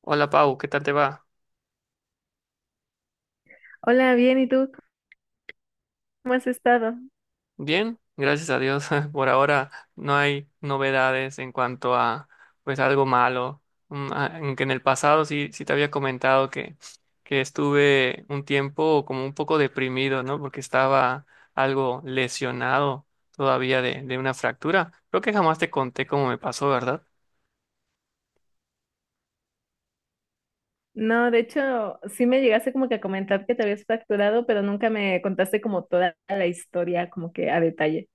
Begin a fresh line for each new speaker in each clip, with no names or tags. Hola, Pau, ¿qué tal te va?
Hola, bien, ¿y tú cómo has estado?
Bien, gracias a Dios. Por ahora no hay novedades en cuanto a pues algo malo. Aunque en el pasado sí te había comentado que estuve un tiempo como un poco deprimido, ¿no? Porque estaba algo lesionado todavía de una fractura. Creo que jamás te conté cómo me pasó, ¿verdad?
No, de hecho, sí me llegaste como que a comentar que te habías fracturado, pero nunca me contaste como toda la historia, como que a detalle.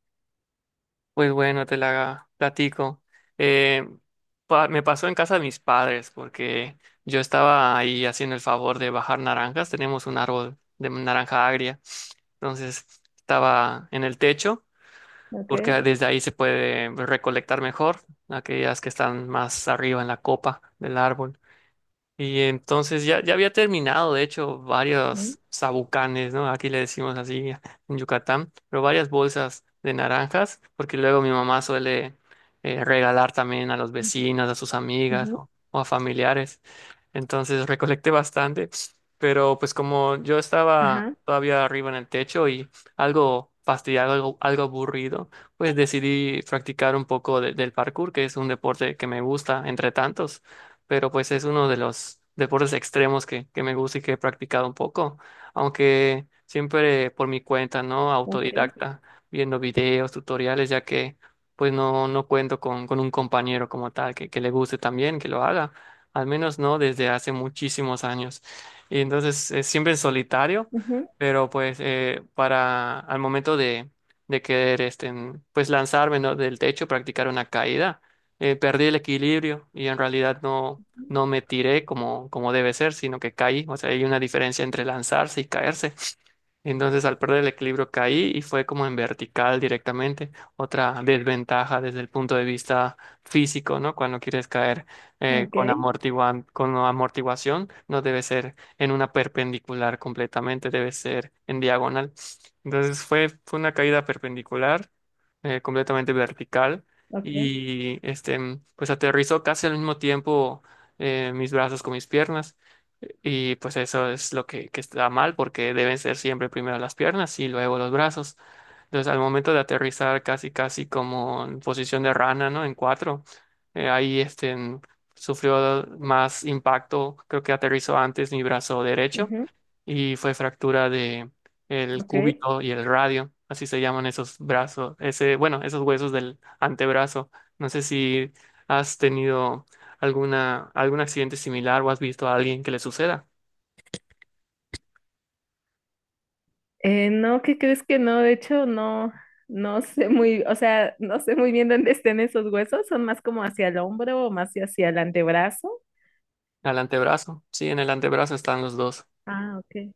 Pues bueno, te la platico. Eh, Me pasó en casa de mis padres porque yo estaba ahí haciendo el favor de bajar naranjas. Tenemos un árbol de naranja agria. Entonces estaba en el techo porque
Okay.
desde ahí se puede recolectar mejor aquellas que están más arriba en la copa del árbol. Y entonces ya había terminado, de hecho,
Ujú.
varios sabucanes, ¿no? Aquí le decimos así en Yucatán, pero varias bolsas de naranjas, porque luego mi mamá suele regalar también a los vecinos, a sus amigas
Ujú.
o a familiares. Entonces recolecté bastante, pero pues como yo estaba
Ajá.
todavía arriba en el techo y algo fastidiado, algo aburrido, pues decidí practicar un poco del parkour, que es un deporte que me gusta entre tantos. Pero pues es uno de los deportes extremos que me gusta y que he practicado un poco, aunque siempre por mi cuenta, ¿no?
Okay.
Autodidacta, viendo videos, tutoriales, ya que pues no cuento con un compañero como tal que le guste también, que lo haga, al menos no desde hace muchísimos años. Y entonces es siempre en solitario,
Ujú.
pero pues para al momento de querer pues lanzarme, ¿no? Del techo, practicar una caída. Perdí el equilibrio y en realidad no me tiré como, como debe ser, sino que caí. O sea, hay una diferencia entre lanzarse y caerse. Entonces al perder el equilibrio caí y fue como en vertical directamente. Otra desventaja desde el punto de vista físico, ¿no? Cuando quieres caer
Okay.
con amortiguación, no debe ser en una perpendicular completamente, debe ser en diagonal. Entonces fue una caída perpendicular, completamente vertical.
Okay.
Y pues aterrizó casi al mismo tiempo mis brazos con mis piernas. Y pues eso es lo que está mal porque deben ser siempre primero las piernas y luego los brazos. Entonces al momento de aterrizar casi casi como en posición de rana, ¿no? En cuatro, eh, ahí este, en- sufrió más impacto, creo que aterrizó antes mi brazo derecho
Ujú.
y fue fractura de el
Okay.
cúbito y el radio, así se llaman esos brazos, ese, bueno, esos huesos del antebrazo. No sé si has tenido algún accidente similar o has visto a alguien que le suceda.
No, ¿qué crees que no? De hecho, no, no sé muy, o sea, no sé muy bien dónde estén esos huesos, son más como hacia el hombro o más hacia el antebrazo.
Al antebrazo, sí, en el antebrazo están los dos.
Ah, okay.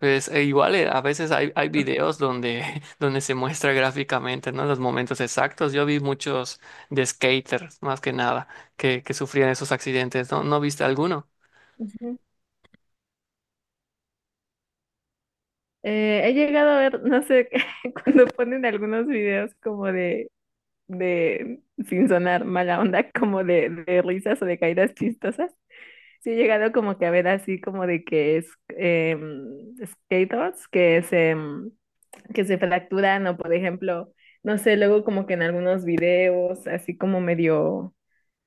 Pues e igual a veces hay
Ok.
videos donde, donde se muestra gráficamente, ¿no? Los momentos exactos. Yo vi muchos de skaters, más que nada, que sufrían esos accidentes, ¿no? ¿No viste alguno?
Ujú. He llegado a ver, no sé, cuando ponen algunos videos como de, sin sonar mala onda, como de risas o de caídas chistosas. Sí he llegado como que a ver así como de que es skaters que se, que se fracturan o por ejemplo, no sé, luego como que en algunos videos así como medio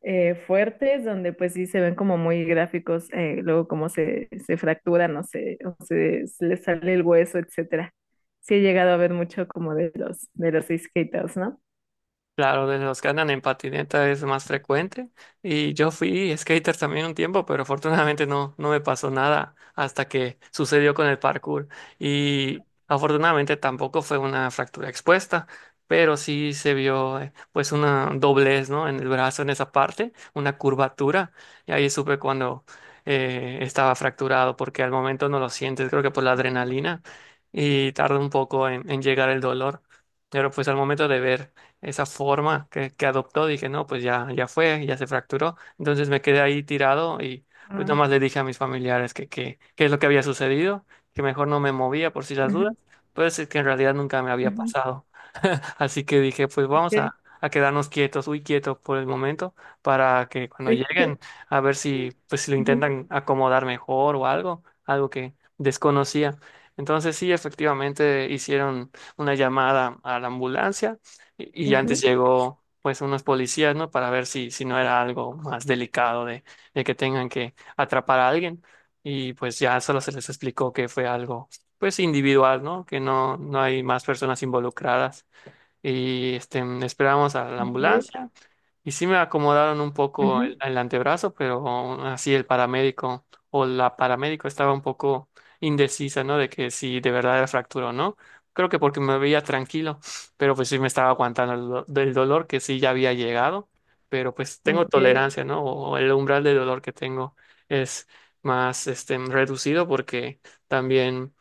fuertes, donde pues sí se ven como muy gráficos, luego cómo se fracturan, no sé, o se les sale el hueso, etcétera. Sí he llegado a ver mucho como de de los skaters, ¿no?
Claro, de los que andan en patineta es más frecuente. Y yo fui skater también un tiempo, pero afortunadamente no me pasó nada hasta que sucedió con el parkour. Y afortunadamente tampoco fue una fractura expuesta, pero sí se vio pues una doblez, ¿no? En el brazo, en esa parte, una curvatura. Y ahí supe cuando estaba fracturado, porque al momento no lo sientes, creo que por la adrenalina, y tarda un poco en llegar el dolor. Pero pues al momento de ver esa forma que adoptó, dije, no, pues ya fue, ya se fracturó. Entonces me quedé ahí tirado y pues
Ah.
nomás le dije a mis familiares qué es lo que había sucedido, que mejor no me movía por si las dudas,
Ujú.
pues es que en realidad nunca me había
Ujú.
pasado. Así que dije, pues vamos
Ok.
a quedarnos quietos, muy quietos por el momento, para que cuando
Sí.
lleguen, a ver si, pues, si lo
Ujú.
intentan acomodar mejor o algo, algo que desconocía. Entonces sí, efectivamente hicieron una llamada a la ambulancia y antes
Ujú.
llegó pues unos policías, ¿no? Para ver si, si no era algo más delicado de que tengan que atrapar a alguien. Y pues ya solo se les explicó que fue algo pues individual, ¿no? Que no hay más personas involucradas y esperábamos a la
Ok.
ambulancia y sí me acomodaron un poco
Ujú.
el antebrazo, pero aún así el paramédico o la paramédico estaba un poco indecisa, ¿no? De que si de verdad era fractura o no. Creo que porque me veía tranquilo, pero pues sí me estaba aguantando el del dolor que sí ya había llegado, pero pues tengo
Ok.
tolerancia, ¿no? O el umbral de dolor que tengo es más reducido porque también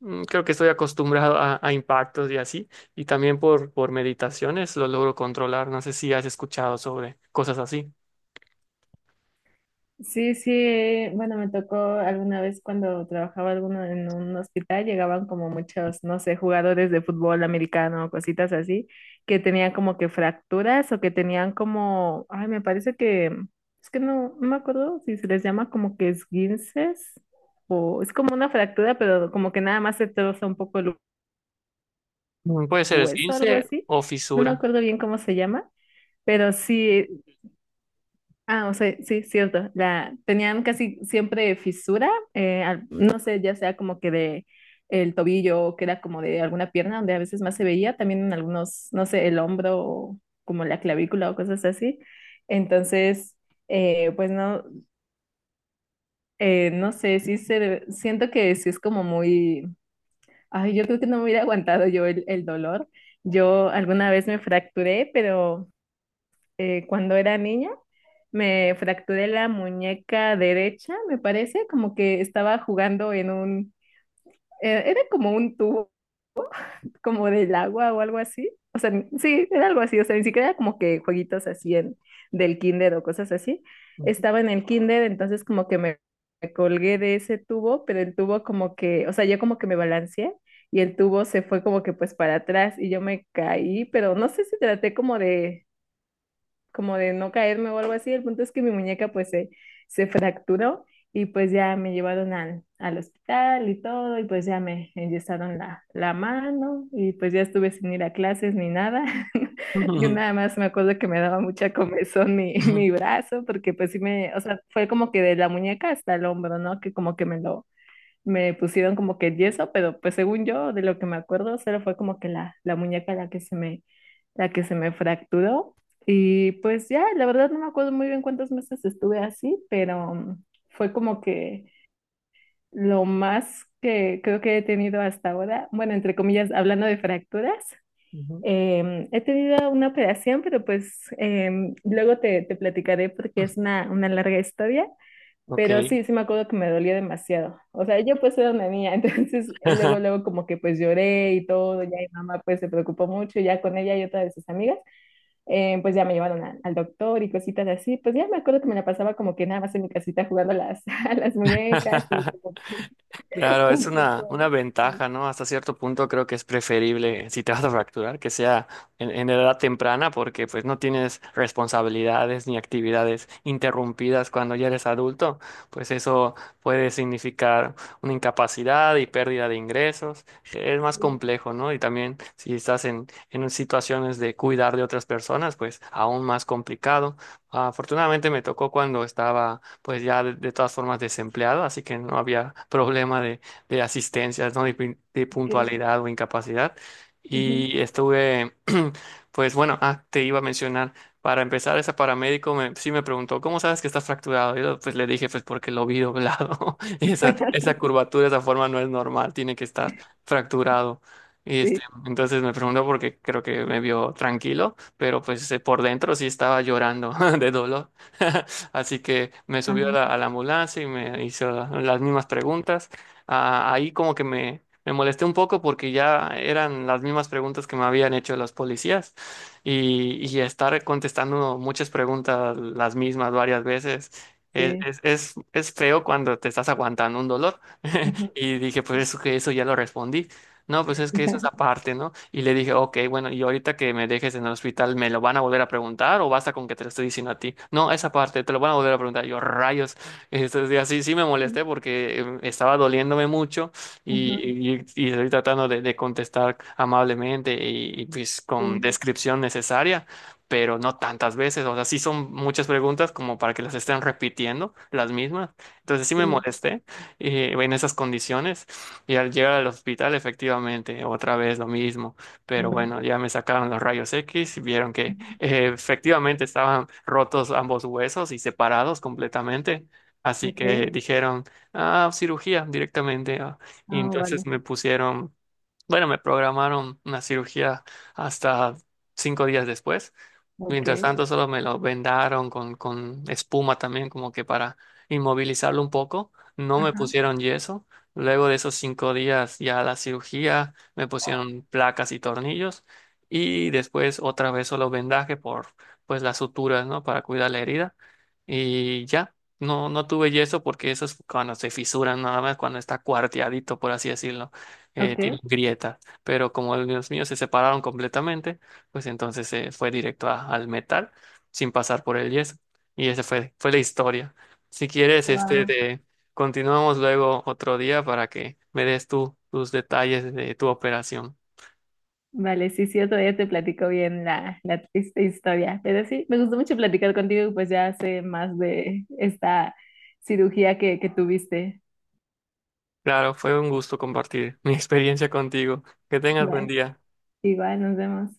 creo que estoy acostumbrado a impactos y así. Y también por meditaciones lo logro controlar. No sé si has escuchado sobre cosas así.
Sí, sí, bueno, me tocó alguna vez cuando trabajaba alguno en un hospital, llegaban como muchos, no sé, jugadores de fútbol americano, cositas así, que tenían como que fracturas o que tenían como, ay, me parece es que no, no me acuerdo si se les llama como que esguinces o es como una fractura, pero como que nada más se troza un poco el
Mm, puede ser
hueso, algo
esguince
así,
o
no me
fisura.
acuerdo bien cómo se llama. Pero sí. Ah, o sea, sí, cierto. Tenían casi siempre fisura, no sé, ya sea como que de el tobillo o que era como de alguna pierna, donde a veces más se veía, también en algunos, no sé, el hombro o como la clavícula o cosas así. Entonces, pues no, no sé, siento que sí es como muy, ay, yo creo que no me hubiera aguantado yo el dolor. Yo alguna vez me fracturé, pero cuando era niña. Me fracturé la muñeca derecha, me parece, como que estaba jugando en un, era como un tubo, como del agua o algo así. O sea, sí, era algo así, o sea, ni siquiera era como que jueguitos así en, del kinder o cosas así.
Ujú.
Estaba en el kinder, entonces como que me colgué de ese tubo, pero el tubo como que, o sea, yo como que me balanceé y el tubo se fue como que pues para atrás y yo me caí, pero no sé si traté como de no caerme o algo así. El punto es que mi muñeca se fracturó y pues ya me llevaron al hospital y todo y pues ya me enyesaron la mano y pues ya estuve sin ir a clases ni nada. Yo nada más me acuerdo que me daba mucha comezón mi,
Ujú.
mi brazo porque pues sí me, o sea, fue como que de la muñeca hasta el hombro, ¿no? Que como que me lo me pusieron como que yeso, pero pues según yo, de lo que me acuerdo, solo fue como que la muñeca la que se la que se me fracturó. Y pues ya, la verdad no me acuerdo muy bien cuántos meses estuve así, pero mm, fue como que lo más que creo que he tenido hasta ahora, bueno, entre comillas, hablando de fracturas,
Ujú.
he tenido una operación, pero pues luego te platicaré porque es una larga historia.
Ok.
Pero sí, sí me acuerdo que me dolía demasiado. O sea, yo pues era una niña, entonces luego, luego como que pues lloré y todo, ya mi mamá pues se preocupó mucho, ya con ella y otra de sus amigas, pues ya me llevaron al doctor y cositas así. Pues ya me acuerdo que me la pasaba como que nada más en mi casita jugando a las, a las muñecas y como que
Claro, es
un poco...
una
Sí,
ventaja, ¿no? Hasta cierto punto creo que es preferible, si te vas a fracturar, que sea en edad temprana, porque pues no tienes responsabilidades ni actividades interrumpidas cuando ya eres adulto, pues eso puede significar una incapacidad y pérdida de ingresos. Es más
sí,
complejo, ¿no? Y también si estás en situaciones de cuidar de otras personas, pues aún más complicado. Afortunadamente me tocó cuando estaba pues ya de todas formas desempleado, así que no había problema de asistencias, ¿no? De
ok,
puntualidad o incapacidad.
ujú,
Y estuve, pues bueno, ah, te iba a mencionar, para empezar, ese paramédico me, sí me preguntó, ¿cómo sabes que estás fracturado? Yo pues le dije, pues porque lo vi doblado. Y esa curvatura, esa forma no es normal, tiene que estar fracturado. Y
sí,
entonces me preguntó porque creo que me vio tranquilo, pero pues por dentro sí estaba llorando de dolor. Así que me subió a
ajá,
a la ambulancia y me hizo las mismas preguntas. Ah, ahí como que me molesté un poco porque ya eran las mismas preguntas que me habían hecho los policías y estar contestando muchas preguntas las mismas varias veces.
sí,
Es feo cuando te estás aguantando un dolor.
ujú,
Y dije, pues eso, que eso ya lo respondí. No, pues es que esa es aparte, ¿no? Y le dije, ok, bueno, y ahorita que me dejes en el hospital, ¿me lo van a volver a preguntar o basta con que te lo estoy diciendo a ti? No, esa parte, te lo van a volver a preguntar. Yo, rayos. Entonces, así sí me
sí,
molesté porque estaba doliéndome mucho
ujú,
y estoy tratando de contestar amablemente pues con
sí,
descripción necesaria, pero no tantas veces. O sea, sí son muchas preguntas como para que las estén repitiendo las mismas. Entonces, sí me
sí,
molesté en esas condiciones. Y al llegar al hospital, efectivamente, otra vez lo mismo. Pero
mm,
bueno, ya me sacaron los rayos X y vieron que
ujú,
efectivamente estaban rotos ambos huesos y separados completamente. Así
ok,
que dijeron, ah, cirugía directamente. Ah. Y
ah, vale,
entonces me pusieron bueno, me programaron una cirugía hasta 5 días después.
ok,
Mientras tanto, solo me lo vendaron con espuma también, como que para inmovilizarlo un poco. No me
ajá,
pusieron yeso. Luego de esos 5 días ya la cirugía, me pusieron placas y tornillos. Y después otra vez solo vendaje por pues las suturas, ¿no? Para cuidar la herida. Y ya, no tuve yeso porque eso es cuando se fisuran, nada más cuando está cuarteadito, por así decirlo
ok.
tienen grietas, pero como los míos se separaron completamente, pues entonces se fue directo al metal sin pasar por el yeso. Y esa fue la historia. Si quieres, este
Wow.
de, continuamos luego otro día para que me des tú tus detalles de tu operación.
Vale, sí, sí, otro día te platico bien la triste historia. Pero sí, me gustó mucho platicar contigo, y pues ya sé más de esta cirugía que tuviste.
Claro, fue un gusto compartir mi experiencia contigo. Que tengas buen
Vale,
día.
igual, nos vemos.